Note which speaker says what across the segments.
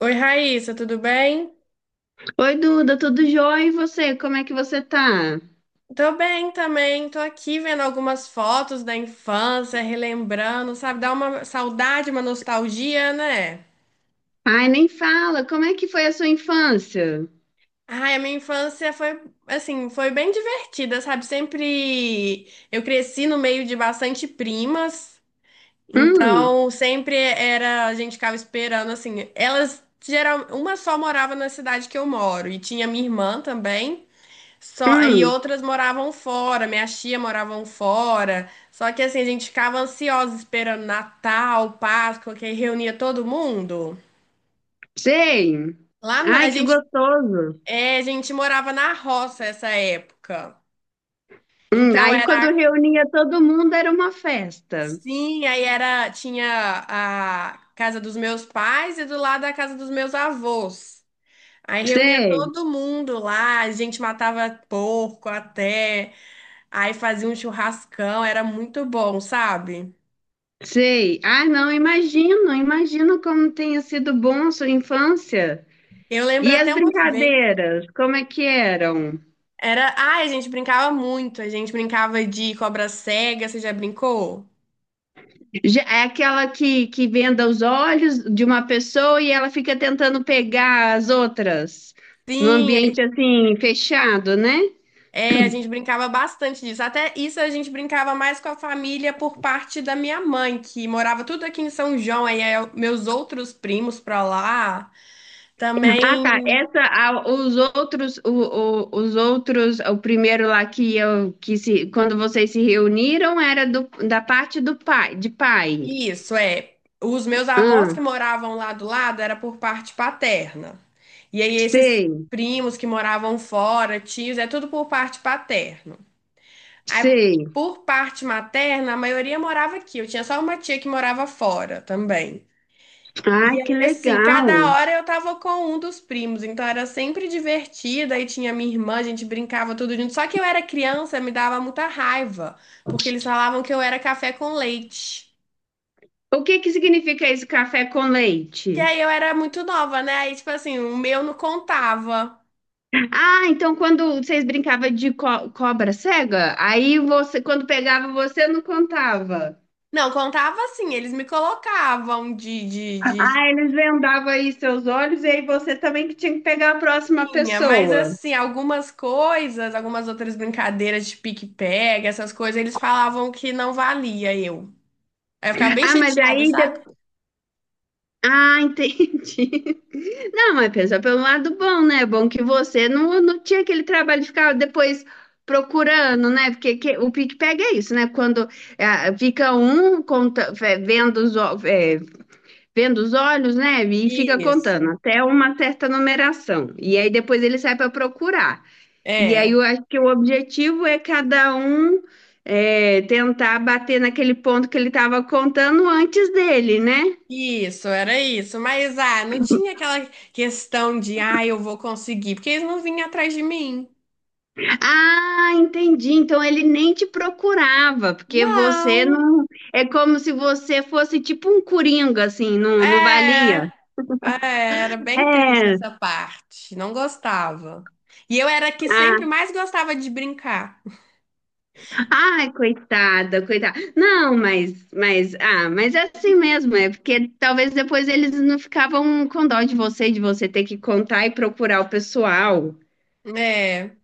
Speaker 1: Oi, Raíssa, tudo bem?
Speaker 2: Oi, Duda, tudo jóia? E você? Como é que você tá?
Speaker 1: Tô bem também, tô aqui vendo algumas fotos da infância, relembrando, sabe? Dá uma saudade, uma nostalgia, né?
Speaker 2: Ai, nem fala, como é que foi a sua infância?
Speaker 1: Ai, a minha infância foi, assim, foi bem divertida, sabe? Sempre eu cresci no meio de bastante primas,
Speaker 2: Hum,
Speaker 1: então sempre era, a gente ficava esperando, assim, elas geral, uma só morava na cidade que eu moro e tinha minha irmã também. Só, aí
Speaker 2: hum,
Speaker 1: outras moravam fora, minha tia moravam fora. Só que assim, a gente ficava ansiosa esperando Natal, Páscoa, que aí reunia todo mundo.
Speaker 2: sei.
Speaker 1: A
Speaker 2: Ai, que
Speaker 1: gente,
Speaker 2: gostoso.
Speaker 1: é, a gente morava na roça essa época. Então
Speaker 2: Aí
Speaker 1: era
Speaker 2: quando reunia todo mundo era uma festa.
Speaker 1: assim, aí era tinha a casa dos meus pais e do lado a casa dos meus avós. Aí reunia
Speaker 2: Sei,
Speaker 1: todo mundo lá, a gente matava porco até, aí fazia um churrascão, era muito bom, sabe?
Speaker 2: sei. Ah, não, imagino, imagino como tenha sido bom a sua infância.
Speaker 1: Eu lembro
Speaker 2: E as
Speaker 1: até uma vez.
Speaker 2: brincadeiras, como é que eram?
Speaker 1: Era. Ai, a gente brincava muito. A gente brincava de cobra cega. Você já brincou?
Speaker 2: É aquela que, venda os olhos de uma pessoa e ela fica tentando pegar as outras num
Speaker 1: Sim,
Speaker 2: ambiente assim fechado, né?
Speaker 1: é, a gente brincava bastante disso. Até isso a gente brincava mais com a família por parte da minha mãe, que morava tudo aqui em São João. Meus outros primos pra lá
Speaker 2: Ah, tá.
Speaker 1: também.
Speaker 2: Essa, os outros, os outros, o primeiro lá que eu que se, quando vocês se reuniram era da parte do pai, de pai.
Speaker 1: Isso, é. Os meus avós
Speaker 2: Ah,
Speaker 1: que moravam lá do lado era por parte paterna. E aí esses
Speaker 2: sei,
Speaker 1: primos que moravam fora, tios, é tudo por parte paterna. Aí,
Speaker 2: sei.
Speaker 1: por parte materna, a maioria morava aqui. Eu tinha só uma tia que morava fora também.
Speaker 2: Ai,
Speaker 1: E
Speaker 2: que
Speaker 1: aí, assim,
Speaker 2: legal.
Speaker 1: cada hora eu tava com um dos primos, então era sempre divertida. E tinha minha irmã, a gente brincava tudo junto. Só que eu era criança, me dava muita raiva, porque eles falavam que eu era café com leite.
Speaker 2: O que que significa esse café com
Speaker 1: Que
Speaker 2: leite?
Speaker 1: aí eu era muito nova, né? Aí, tipo assim, o meu não contava.
Speaker 2: Ah, então quando vocês brincavam de cobra cega, aí você, quando pegava, você não contava.
Speaker 1: Não, contava assim, eles me colocavam de
Speaker 2: Ah, eles vendavam aí seus olhos e aí você também que tinha que pegar a próxima
Speaker 1: tinha, mas
Speaker 2: pessoa.
Speaker 1: assim, algumas coisas, algumas outras brincadeiras de pique-pega, essas coisas, eles falavam que não valia eu. Aí eu ficava bem
Speaker 2: Ah, mas
Speaker 1: chateada,
Speaker 2: aí...
Speaker 1: sabe?
Speaker 2: De... Ah, entendi. Não, mas pensa pelo lado bom, né? É bom que você não, não tinha aquele trabalho de ficar depois procurando, né? Porque o pique-pega é isso, né? Quando é, fica um conta, é, é, vendo os olhos, né? E fica contando
Speaker 1: Isso.
Speaker 2: até uma certa numeração. E aí depois ele sai para procurar. E aí
Speaker 1: É.
Speaker 2: eu acho que o objetivo é cada um é, tentar bater naquele ponto que ele estava contando antes dele, né?
Speaker 1: Isso, era isso. Mas ah, não tinha aquela questão de ah, eu vou conseguir, porque eles não vinham atrás de mim.
Speaker 2: Ah, entendi. Então ele nem te procurava, porque você
Speaker 1: Não.
Speaker 2: não. É como se você fosse tipo um coringa, assim, não, não
Speaker 1: É,
Speaker 2: valia.
Speaker 1: era bem triste
Speaker 2: É.
Speaker 1: essa parte. Não gostava. E eu era a que sempre
Speaker 2: Ah,
Speaker 1: mais gostava de brincar.
Speaker 2: Ai, coitada, coitada. Não, ah, mas é assim mesmo, é porque talvez depois eles não ficavam com dó de você ter que contar e procurar o pessoal.
Speaker 1: É.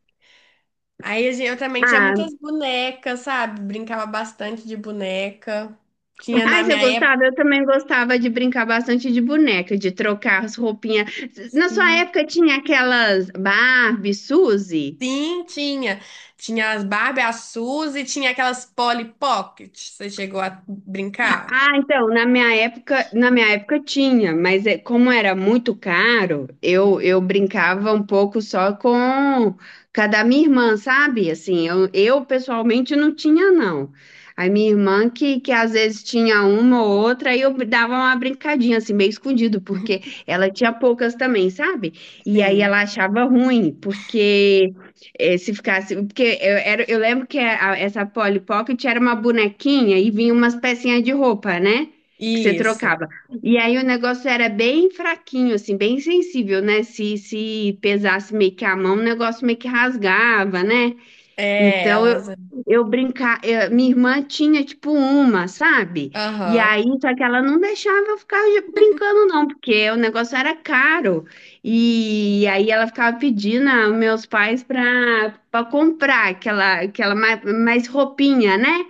Speaker 1: Eu também tinha muitas
Speaker 2: Ah,
Speaker 1: bonecas, sabe? Brincava bastante de boneca. Tinha
Speaker 2: ai,
Speaker 1: na
Speaker 2: você
Speaker 1: minha época,
Speaker 2: gostava? Eu também gostava de brincar bastante de boneca, de trocar as roupinhas. Na sua
Speaker 1: sim.
Speaker 2: época tinha aquelas Barbie, Suzy?
Speaker 1: Sim, tinha. Tinha as Barbie, a Suzy, tinha aquelas Polly Pocket. Você chegou a brincar?
Speaker 2: Ah, então, na minha época tinha, mas como era muito caro, eu brincava um pouco só com cada minha irmã, sabe? Assim, eu pessoalmente não tinha, não. A minha irmã que às vezes tinha uma ou outra, aí eu dava uma brincadinha, assim, meio escondido, porque ela tinha poucas também, sabe? E aí
Speaker 1: Sim.
Speaker 2: ela achava ruim, porque eh, se ficasse. Porque eu lembro que essa Polly Pocket era uma bonequinha e vinha umas pecinhas de roupa, né? Que você
Speaker 1: Isso.
Speaker 2: trocava. E aí o negócio era bem fraquinho, assim, bem sensível, né? Se pesasse meio que a mão, o negócio meio que rasgava, né?
Speaker 1: É,
Speaker 2: Então
Speaker 1: elas.
Speaker 2: minha irmã tinha tipo uma, sabe? E
Speaker 1: Aham.
Speaker 2: aí, só que ela não deixava eu ficar brincando, não, porque o negócio era caro. E aí ela ficava pedindo aos meus pais para comprar aquela mais roupinha, né?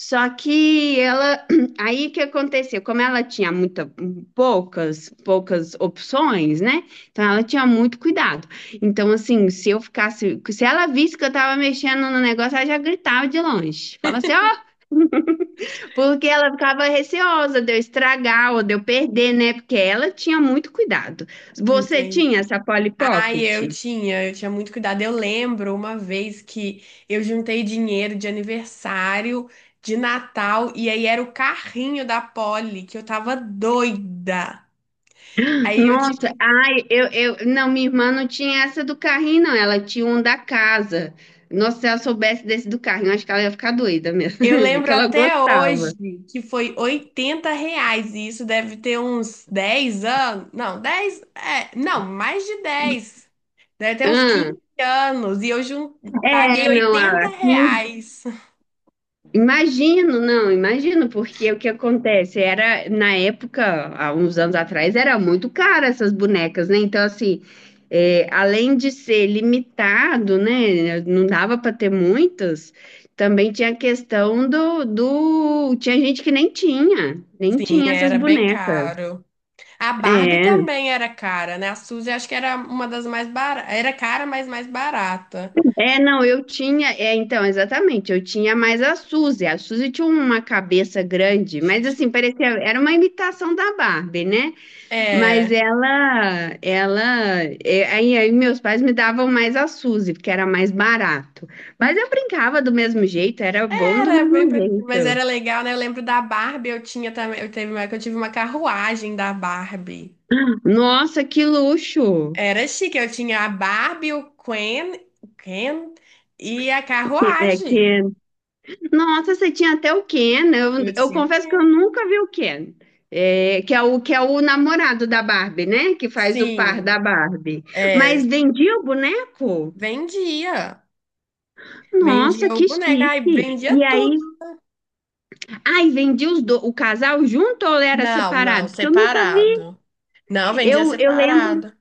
Speaker 2: Só que ela, aí o que aconteceu? Como ela tinha muita, poucas opções, né? Então ela tinha muito cuidado. Então, assim, se eu ficasse, se ela visse que eu tava mexendo no negócio, ela já gritava de longe. Fala assim, ó, porque ela ficava receosa de eu estragar ou de eu perder, né? Porque ela tinha muito cuidado. Você
Speaker 1: Entendi.
Speaker 2: tinha essa Polly
Speaker 1: Ai,
Speaker 2: Pocket?
Speaker 1: eu tinha muito cuidado. Eu lembro uma vez que eu juntei dinheiro de aniversário, de Natal, e aí era o carrinho da Polly, que eu tava doida. Aí eu tive
Speaker 2: Nossa,
Speaker 1: que...
Speaker 2: não, minha irmã não tinha essa do carrinho, não. Ela tinha um da casa. Nossa, se ela soubesse desse do carrinho, acho que ela ia ficar doida mesmo.
Speaker 1: Eu lembro
Speaker 2: Que ela
Speaker 1: até
Speaker 2: gostava.
Speaker 1: hoje que foi R$ 80, e isso deve ter uns 10 anos. Não, 10, é, não, mais de 10, deve ter uns
Speaker 2: Ah,
Speaker 1: 15 anos, e eu jun... paguei
Speaker 2: É, não,
Speaker 1: 80
Speaker 2: aqui
Speaker 1: reais.
Speaker 2: imagino, não, imagino, porque o que acontece era, na época, há uns anos atrás, era muito caro essas bonecas, né? Então, assim, é, além de ser limitado, né? Não dava para ter muitas, também tinha a questão do, do. Tinha gente que nem tinha, nem
Speaker 1: Sim,
Speaker 2: tinha essas
Speaker 1: era bem
Speaker 2: bonecas.
Speaker 1: caro. A Barbie
Speaker 2: É,
Speaker 1: também era cara, né? A Suzy acho que era uma das mais baratas. Era cara, mas mais barata.
Speaker 2: não, eu tinha, é, então, exatamente, eu tinha mais a Suzy. A Suzy tinha uma cabeça grande, mas assim, parecia, era uma imitação da Barbie, né? Mas
Speaker 1: É.
Speaker 2: aí meus pais me davam mais a Suzy, porque era mais barato. Mas eu brincava do mesmo jeito, era bom do
Speaker 1: Era bem
Speaker 2: mesmo
Speaker 1: parecido, mas
Speaker 2: jeito.
Speaker 1: era legal, né? Eu lembro da Barbie, eu tinha também, eu tive uma carruagem da Barbie.
Speaker 2: Nossa, que luxo!
Speaker 1: Era chique, eu tinha a Barbie, o Ken, o Ken e a
Speaker 2: É que,
Speaker 1: carruagem.
Speaker 2: nossa, você tinha até o Ken.
Speaker 1: Eu
Speaker 2: Eu
Speaker 1: tinha o
Speaker 2: confesso que eu
Speaker 1: Ken.
Speaker 2: nunca vi o Ken. É, que é o namorado da Barbie, né? Que faz o par da
Speaker 1: Sim,
Speaker 2: Barbie.
Speaker 1: é,
Speaker 2: Mas vendia o boneco?
Speaker 1: vendia.
Speaker 2: Nossa,
Speaker 1: Vendia o
Speaker 2: que
Speaker 1: boneco, ai,
Speaker 2: chique!
Speaker 1: vendia
Speaker 2: E aí
Speaker 1: tudo.
Speaker 2: ai, o casal junto ou era
Speaker 1: Não, não,
Speaker 2: separado? Porque eu nunca vi.
Speaker 1: separado. Não, vendia
Speaker 2: Eu lembro
Speaker 1: separado.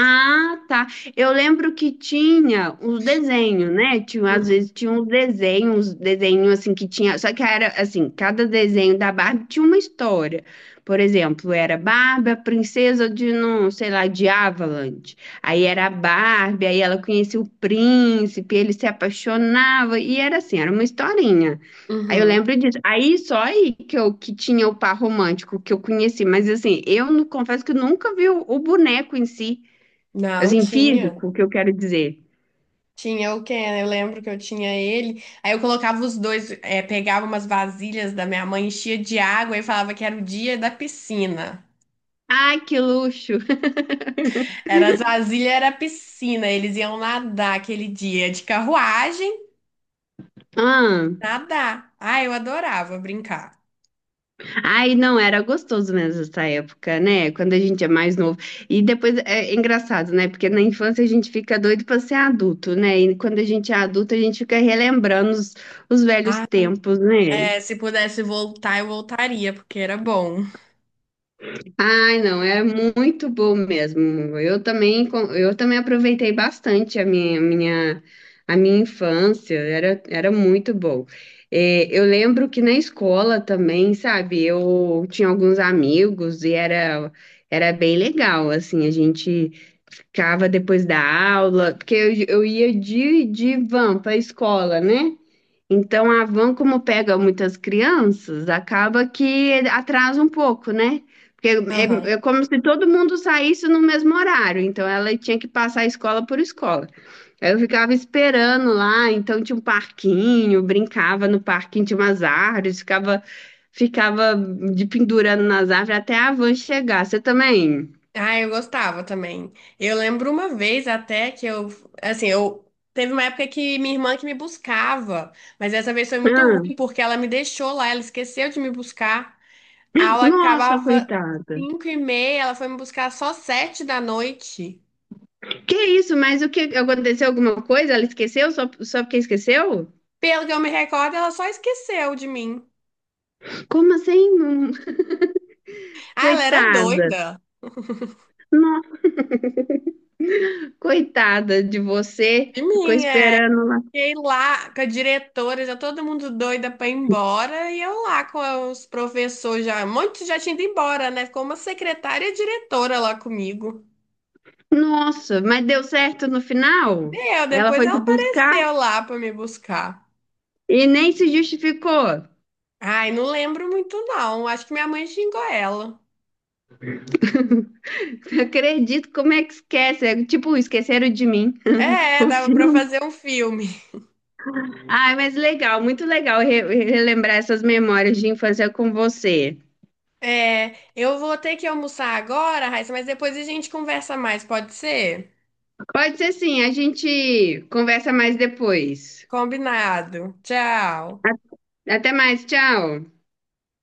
Speaker 2: ah, tá. Eu lembro que tinha uns desenhos, né? Tinha, às
Speaker 1: Uhum.
Speaker 2: vezes tinha uns desenhos assim que tinha. Só que era assim, cada desenho da Barbie tinha uma história. Por exemplo, era Barbie, a princesa de não, sei lá, de Avalanche. Aí era a Barbie, aí ela conhecia o príncipe, ele se apaixonava, e era assim, era uma historinha. Aí eu
Speaker 1: Uhum.
Speaker 2: lembro disso. Aí só aí que eu que tinha o par romântico que eu conheci, mas assim, eu não- confesso que eu nunca vi o boneco em si.
Speaker 1: Não,
Speaker 2: Assim,
Speaker 1: tinha.
Speaker 2: físico, o que eu quero dizer.
Speaker 1: Tinha o Ken, eu lembro que eu tinha ele. Aí eu colocava os dois, é pegava umas vasilhas da minha mãe, enchia de água e falava que era o dia da piscina.
Speaker 2: Ai, que luxo!
Speaker 1: Era as vasilhas, era a piscina. Eles iam nadar aquele dia de carruagem,
Speaker 2: Ah,
Speaker 1: nadar. Ah, eu adorava brincar.
Speaker 2: ai, não, era gostoso mesmo essa época, né? Quando a gente é mais novo. E depois é engraçado, né? Porque na infância a gente fica doido para ser adulto, né? E quando a gente é adulto, a gente fica relembrando os velhos
Speaker 1: Ah,
Speaker 2: tempos, né?
Speaker 1: se pudesse voltar, eu voltaria, porque era bom.
Speaker 2: Ai, não, é muito bom mesmo. Eu também aproveitei bastante a minha infância, era muito bom. Eu lembro que na escola também, sabe, eu tinha alguns amigos e era bem legal, assim, a gente ficava depois da aula, porque eu ia de van para a escola, né? Então, a van, como pega muitas crianças, acaba que atrasa um pouco, né? Porque
Speaker 1: Aham.
Speaker 2: é como se todo mundo saísse no mesmo horário, então ela tinha que passar escola por escola. Aí eu ficava esperando lá, então tinha um parquinho, brincava no parquinho, tinha umas árvores, ficava de pendurando nas árvores até a van chegar. Você também?
Speaker 1: Ah, eu gostava também. Eu lembro uma vez até que eu, assim, eu Teve uma época que minha irmã que me buscava, mas essa vez foi muito ruim
Speaker 2: Ah,
Speaker 1: porque ela me deixou lá, ela esqueceu de me buscar. A aula
Speaker 2: nossa,
Speaker 1: acabava
Speaker 2: coitada.
Speaker 1: 5h30, ela foi me buscar só 7 da noite.
Speaker 2: Que isso, mas o que aconteceu? Alguma coisa? Ela esqueceu? Só porque esqueceu?
Speaker 1: Pelo que eu me recordo, ela só esqueceu de mim.
Speaker 2: Como assim? Não-
Speaker 1: Ah, ela era
Speaker 2: coitada.
Speaker 1: doida
Speaker 2: No- coitada de você.
Speaker 1: de
Speaker 2: Ficou
Speaker 1: mim.
Speaker 2: esperando lá.
Speaker 1: Fiquei lá com a diretora, já todo mundo doida pra ir embora, e eu lá com os professores já, muitos já tinha ido embora, né? Ficou uma secretária e diretora lá comigo.
Speaker 2: Nossa, mas deu certo no final?
Speaker 1: Deu,
Speaker 2: Ela
Speaker 1: depois
Speaker 2: foi
Speaker 1: ela
Speaker 2: te buscar
Speaker 1: apareceu lá pra me buscar.
Speaker 2: e nem se justificou.
Speaker 1: Ai, não lembro muito não, acho que minha mãe xingou ela.
Speaker 2: Acredito, como é que esquece? É tipo, esqueceram de mim
Speaker 1: É,
Speaker 2: o
Speaker 1: dava pra
Speaker 2: filme.
Speaker 1: fazer um filme.
Speaker 2: Ai, mas legal, muito legal relembrar essas memórias de infância com você.
Speaker 1: É, eu vou ter que almoçar agora, Raíssa, mas depois a gente conversa mais, pode ser?
Speaker 2: Pode ser sim, a gente conversa mais depois.
Speaker 1: Combinado. Tchau.
Speaker 2: A- até mais, tchau.